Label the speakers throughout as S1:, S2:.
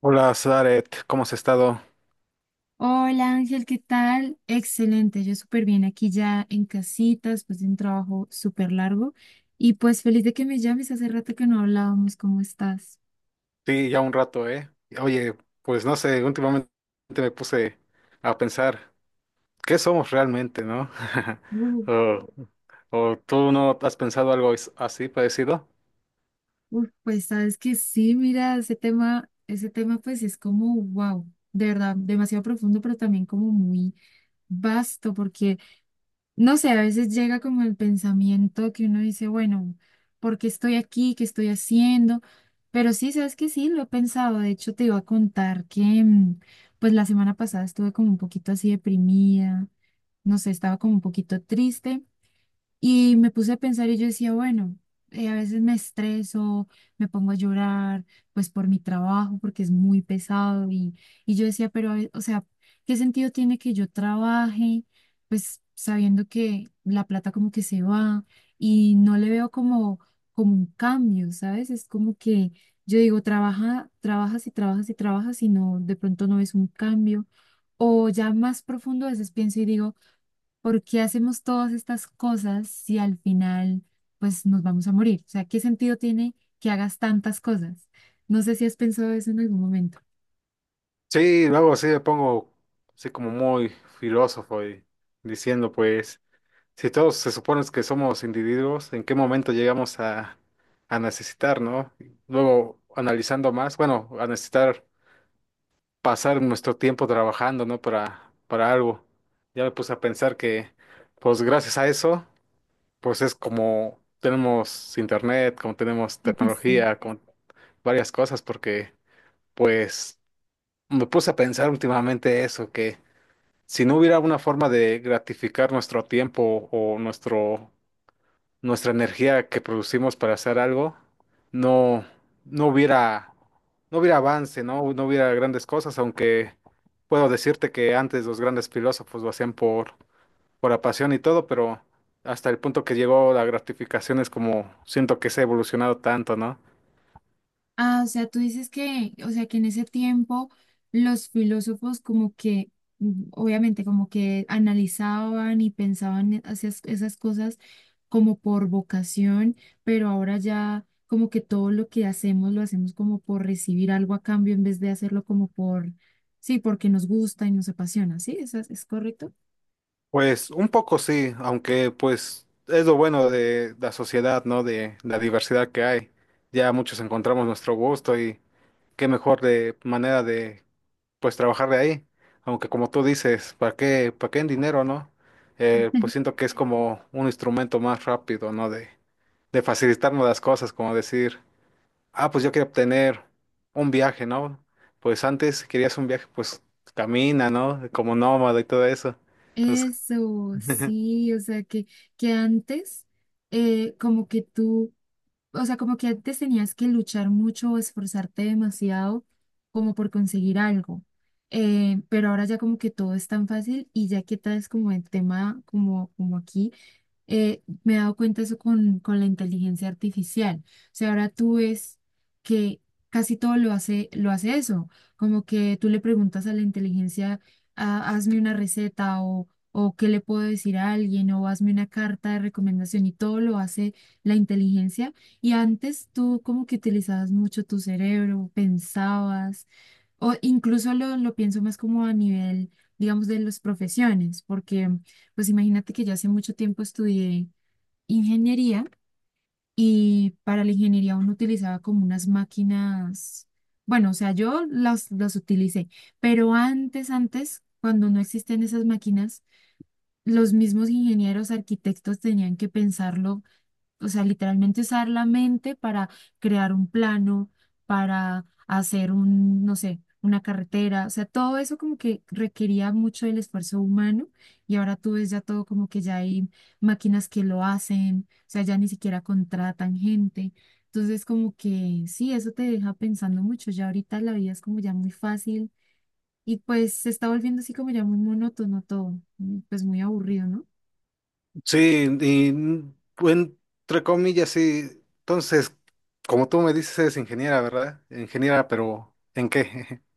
S1: Hola, Zaret, ¿cómo has estado?
S2: Hola Ángel, ¿qué tal? Excelente, yo súper bien aquí ya en casita, después de un trabajo súper largo. Y pues feliz de que me llames, hace rato que no hablábamos, ¿cómo estás?
S1: Sí, ya un rato, ¿eh? Oye, pues no sé, últimamente me puse a pensar, ¿qué somos realmente, no?
S2: Uf,
S1: O, o tú no has pensado algo así parecido?
S2: uf, pues sabes que sí, mira, ese tema pues es como, wow, de verdad, demasiado profundo, pero también como muy vasto, porque no sé, a veces llega como el pensamiento que uno dice, bueno, ¿por qué estoy aquí? ¿Qué estoy haciendo? Pero sí, sabes que sí, lo he pensado. De hecho, te iba a contar que, pues la semana pasada estuve como un poquito así deprimida, no sé, estaba como un poquito triste. Y me puse a pensar y yo decía, bueno, a veces me estreso, me pongo a llorar, pues por mi trabajo, porque es muy pesado. Y yo decía, pero, o sea, ¿qué sentido tiene que yo trabaje? Pues sabiendo que la plata como que se va y no le veo como, como un cambio, ¿sabes? Es como que yo digo, trabaja, trabajas y trabajas y trabajas y no, de pronto no ves un cambio. O ya más profundo a veces pienso y digo, ¿por qué hacemos todas estas cosas si al final pues nos vamos a morir? O sea, ¿qué sentido tiene que hagas tantas cosas? No sé si has pensado eso en algún momento.
S1: Sí, luego sí me pongo así como muy filósofo y diciendo, pues, si todos se supone que somos individuos, ¿en qué momento llegamos a necesitar, no? Luego analizando más, bueno, a necesitar pasar nuestro tiempo trabajando, ¿no? Para algo. Ya me puse a pensar que, pues gracias a eso, pues es como tenemos internet, como tenemos
S2: Sí.
S1: tecnología, con varias cosas, porque pues me puse a pensar últimamente eso, que si no hubiera una forma de gratificar nuestro tiempo o nuestro nuestra energía que producimos para hacer algo, no, no hubiera, no hubiera avance, ¿no? No hubiera grandes cosas, aunque puedo decirte que antes los grandes filósofos lo hacían por la pasión y todo, pero hasta el punto que llegó la gratificación es como siento que se ha evolucionado tanto, ¿no?
S2: Ah, o sea, tú dices que, o sea, que en ese tiempo los filósofos como que, obviamente, como que analizaban y pensaban esas cosas como por vocación, pero ahora ya como que todo lo que hacemos lo hacemos como por recibir algo a cambio en vez de hacerlo como por, sí, porque nos gusta y nos apasiona, ¿sí? ¿Eso es correcto?
S1: Pues un poco sí, aunque pues es lo bueno de la sociedad, ¿no? De la diversidad que hay. Ya muchos encontramos nuestro gusto y qué mejor de manera de pues trabajar de ahí. Aunque como tú dices, para qué en dinero, no? Pues siento que es como un instrumento más rápido, ¿no? De facilitarnos las cosas, como decir, ah, pues yo quiero obtener un viaje, ¿no? Pues antes, si querías un viaje, pues camina, ¿no? Como nómada y todo eso. Entonces,
S2: Eso, sí, o sea, que antes como que tú o sea, como que antes tenías que luchar mucho o esforzarte demasiado como por conseguir algo. Pero ahora ya como que todo es tan fácil y ya que tal es como el tema como, como aquí me he dado cuenta eso con la inteligencia artificial. O sea, ahora tú ves que casi todo lo hace eso. Como que tú le preguntas a la inteligencia, "Ah, hazme una receta o qué le puedo decir a alguien o hazme una carta de recomendación y todo lo hace la inteligencia". Y antes tú como que utilizabas mucho tu cerebro, pensabas o incluso lo pienso más como a nivel, digamos, de las profesiones, porque pues imagínate que yo hace mucho tiempo estudié ingeniería y para la ingeniería uno utilizaba como unas máquinas, bueno, o sea, yo las utilicé, pero antes, cuando no existían esas máquinas, los mismos ingenieros, arquitectos tenían que pensarlo o sea, literalmente usar la mente para crear un plano, para hacer un, no sé, una carretera, o sea, todo eso como que requería mucho del esfuerzo humano y ahora tú ves ya todo como que ya hay máquinas que lo hacen, o sea, ya ni siquiera contratan gente. Entonces, como que sí, eso te deja pensando mucho, ya ahorita la vida es como ya muy fácil y pues se está volviendo así como ya muy monótono todo, pues muy aburrido, ¿no?
S1: sí, y entre comillas, sí. Entonces, como tú me dices, eres ingeniera, ¿verdad? Ingeniera, pero ¿en qué?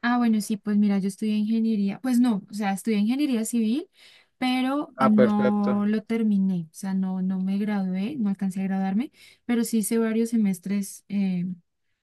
S2: Ah, bueno, sí, pues mira, yo estudié ingeniería, pues no, o sea, estudié ingeniería civil, pero
S1: Ah,
S2: no
S1: perfecto.
S2: lo terminé, o sea, no, no me gradué, no alcancé a graduarme, pero sí hice varios semestres, o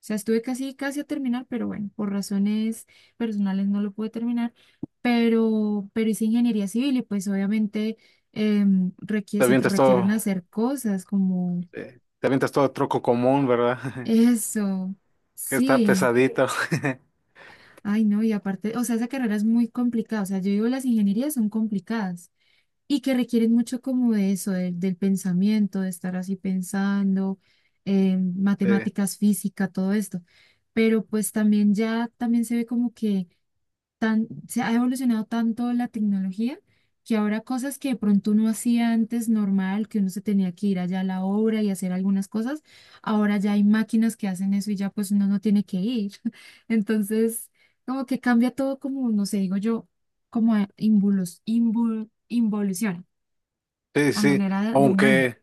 S2: sea, estuve casi a terminar, pero bueno, por razones personales no lo pude terminar, pero hice ingeniería civil y pues obviamente requiere,
S1: Te
S2: se
S1: avientas
S2: requieren
S1: todo
S2: hacer cosas como
S1: Te avientas todo troco común, ¿verdad?
S2: eso,
S1: Que está
S2: sí.
S1: pesadito.
S2: Ay, no, y aparte, o sea, esa carrera es muy complicada, o sea, yo digo, las ingenierías son complicadas y que requieren mucho como de eso, del pensamiento, de estar así pensando,
S1: Sí,
S2: matemáticas, física, todo esto. Pero pues también ya, también se ve como que tan, se ha evolucionado tanto la tecnología que ahora cosas que de pronto uno hacía antes normal, que uno se tenía que ir allá a la obra y hacer algunas cosas, ahora ya hay máquinas que hacen eso y ya pues uno no tiene que ir. Entonces, como que cambia todo como, no sé, digo yo, como involución,
S1: sí,
S2: a
S1: sí.
S2: manera de humana.
S1: Aunque,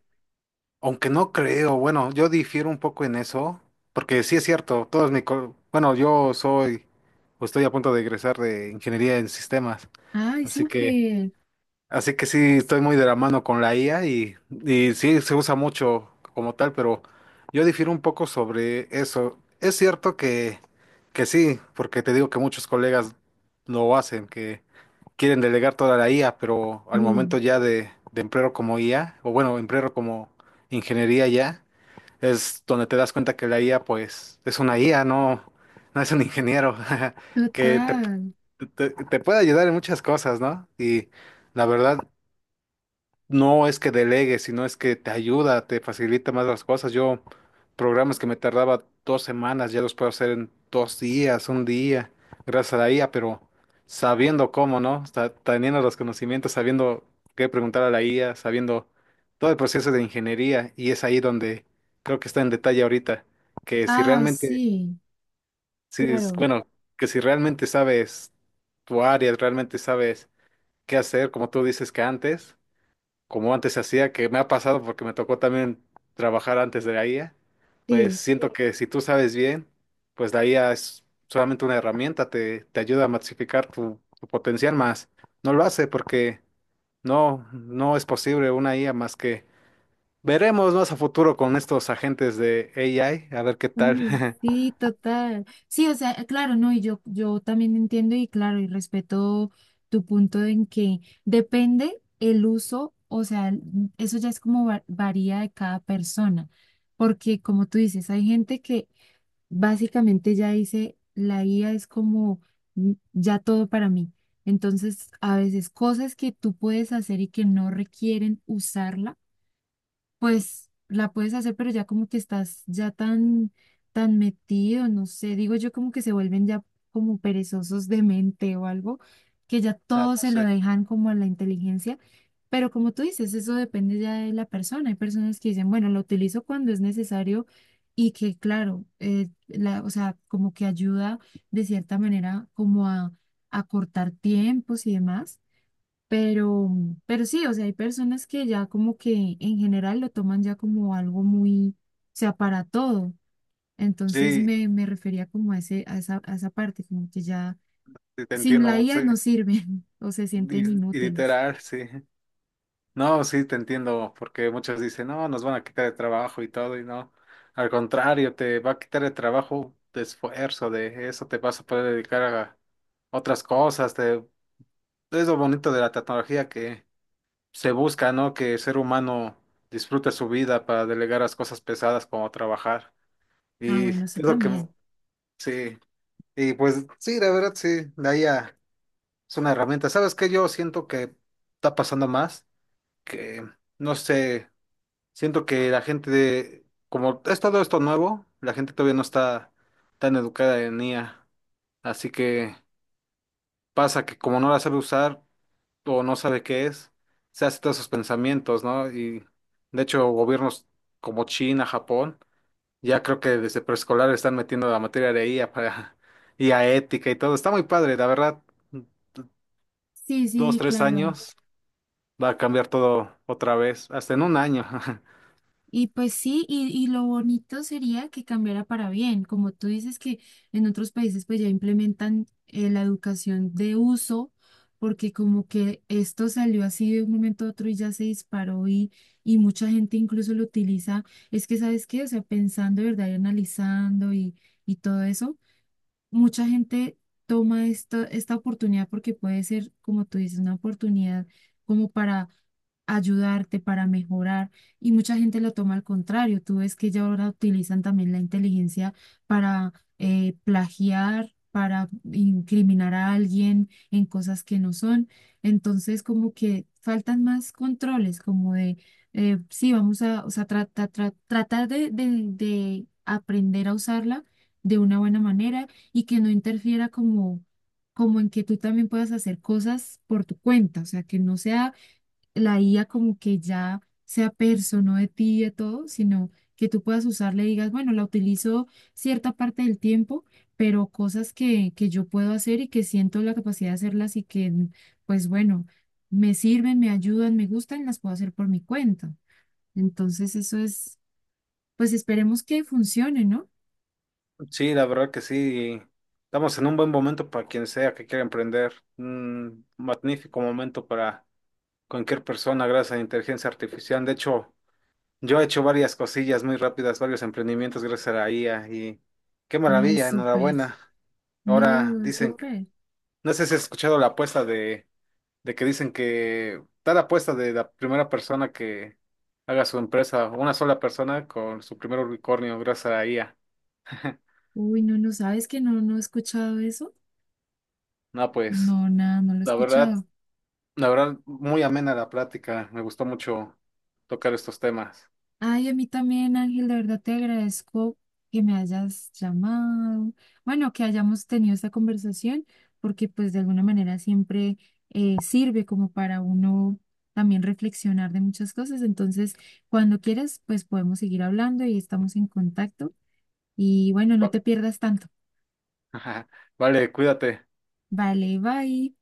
S1: aunque no creo, bueno, yo difiero un poco en eso, porque sí es cierto, bueno, yo soy, o estoy a punto de egresar de ingeniería en sistemas,
S2: Ay,
S1: así que,
S2: súper.
S1: así que sí estoy muy de la mano con la IA y sí se usa mucho como tal, pero yo difiero un poco sobre eso. Es cierto que sí, porque te digo que muchos colegas lo hacen, quieren delegar toda la IA, pero al momento
S2: Sí,
S1: ya de emplearlo como IA, o bueno, emplearlo como ingeniería ya, es donde te das cuenta que la IA pues es una IA, no, no es un ingeniero, que te,
S2: total.
S1: te, te puede ayudar en muchas cosas, ¿no? Y la verdad, no es que delegue, sino es que te ayuda, te facilita más las cosas. Yo, programas que me tardaba 2 semanas, ya los puedo hacer en 2 días, un día, gracias a la IA, pero sabiendo cómo, ¿no? Teniendo los conocimientos, sabiendo qué preguntar a la IA, sabiendo todo el proceso de ingeniería, y es ahí donde creo que está en detalle ahorita, que si
S2: Ah,
S1: realmente,
S2: sí,
S1: si, es-
S2: claro.
S1: bueno, que si realmente sabes tu área, realmente sabes qué hacer, como tú dices que antes como antes se hacía, que me ha pasado porque me tocó también trabajar antes de la IA, pues
S2: Sí.
S1: siento que si tú sabes bien, pues la IA es solamente una herramienta, te ayuda a masificar tu potencial más. No lo hace porque no, no es posible una IA más que veremos más a futuro con estos agentes de AI, a ver qué tal.
S2: Oye, sí, total. Sí, o sea, claro, no, y yo también entiendo y claro, y respeto tu punto en que depende el uso, o sea, eso ya es como varía de cada persona, porque como tú dices, hay gente que básicamente ya dice, la IA es como ya todo para mí. Entonces, a veces cosas que tú puedes hacer y que no requieren usarla pues la puedes hacer, pero ya como que estás ya tan, tan metido, no sé, digo yo como que se vuelven ya como perezosos de mente o algo, que ya
S1: Ah,
S2: todo
S1: pues,
S2: se
S1: sí,
S2: lo dejan como a la inteligencia, pero como tú dices, eso depende ya de la persona, hay personas que dicen, bueno, lo utilizo cuando es necesario y que claro, la, o sea, como que ayuda de cierta manera como a cortar tiempos y demás pero, pero sí, o sea, hay personas que ya como que en general lo toman ya como algo muy, o sea, para todo. Entonces
S1: sí,
S2: me refería como a ese, a esa parte, como que ya
S1: sí, te
S2: sin la
S1: entiendo, sí,
S2: IA no sirven o se sienten
S1: li-
S2: inútiles.
S1: literal, sí. No, sí, te entiendo, porque muchos dicen, no, nos van a quitar el trabajo y todo, y no. Al contrario, te va a quitar el trabajo de esfuerzo, de eso te vas a poder dedicar a otras cosas. Es lo bonito de la tecnología que se busca, ¿no? Que el ser humano disfrute su vida para delegar las cosas pesadas como trabajar.
S2: Ah,
S1: Y
S2: bueno,
S1: es
S2: eso
S1: lo que
S2: también.
S1: sí. Y pues sí, la verdad, sí, es una herramienta. ¿Sabes qué? Yo siento que está pasando más, que no sé. Siento que la gente como es todo esto nuevo, la gente todavía no está tan educada en IA. Así que pasa que como no la sabe usar o no sabe qué es, se hace todos esos pensamientos, ¿no? Y de hecho gobiernos como China, Japón, ya creo que desde preescolar están metiendo la materia de IA para I a ética y todo. Está muy padre, la verdad,
S2: Sí, sí,
S1: dos,
S2: sí,
S1: tres
S2: claro.
S1: años va a cambiar todo otra vez, hasta en un año.
S2: Y pues sí, y lo bonito sería que cambiara para bien, como tú dices que en otros países pues ya implementan la educación de uso, porque como que esto salió así de un momento a otro y ya se disparó y mucha gente incluso lo utiliza. Es que, ¿sabes qué? O sea, pensando, ¿verdad? Y analizando y todo eso, mucha gente toma esta oportunidad porque puede ser, como tú dices, una oportunidad como para ayudarte, para mejorar, y mucha gente lo toma al contrario. Tú ves que ya ahora utilizan también la inteligencia para plagiar, para incriminar a alguien en cosas que no son. Entonces, como que faltan más controles, como de, sí, vamos a, o sea, tratar de aprender a usarla de una buena manera y que no interfiera como, como en que tú también puedas hacer cosas por tu cuenta, o sea, que no sea la IA como que ya sea persona de ti y de todo, sino que tú puedas usarla y digas, bueno, la utilizo cierta parte del tiempo, pero cosas que yo puedo hacer y que siento la capacidad de hacerlas y que, pues bueno, me sirven, me ayudan, me gustan, las puedo hacer por mi cuenta. Entonces, eso es, pues esperemos que funcione, ¿no?
S1: Sí, la verdad que sí. Estamos en un buen momento para quien sea que quiera emprender. Un magnífico momento para cualquier persona gracias a la inteligencia artificial. De hecho, yo he hecho varias cosillas muy rápidas, varios emprendimientos gracias a la IA y qué
S2: Ay,
S1: maravilla,
S2: súper.
S1: enhorabuena. Ahora
S2: No,
S1: dicen,
S2: súper.
S1: no sé si has escuchado la apuesta de que dicen que tal apuesta de la primera persona que haga su empresa, una sola persona con su primer unicornio gracias a la IA.
S2: Uy, no, no sabes que no, no he escuchado eso.
S1: No, pues.
S2: No, nada, no lo he
S1: La verdad,
S2: escuchado.
S1: La verdad, muy amena la plática. Me gustó mucho tocar estos temas.
S2: Ay, a mí también, Ángel, de verdad te agradezco que me hayas llamado. Bueno, que hayamos tenido esta conversación, porque pues de alguna manera siempre sirve como para uno también reflexionar de muchas cosas. Entonces, cuando quieras, pues podemos seguir hablando y estamos en contacto. Y bueno, no
S1: Va-
S2: te pierdas tanto.
S1: Vale, cuídate.
S2: Vale, bye.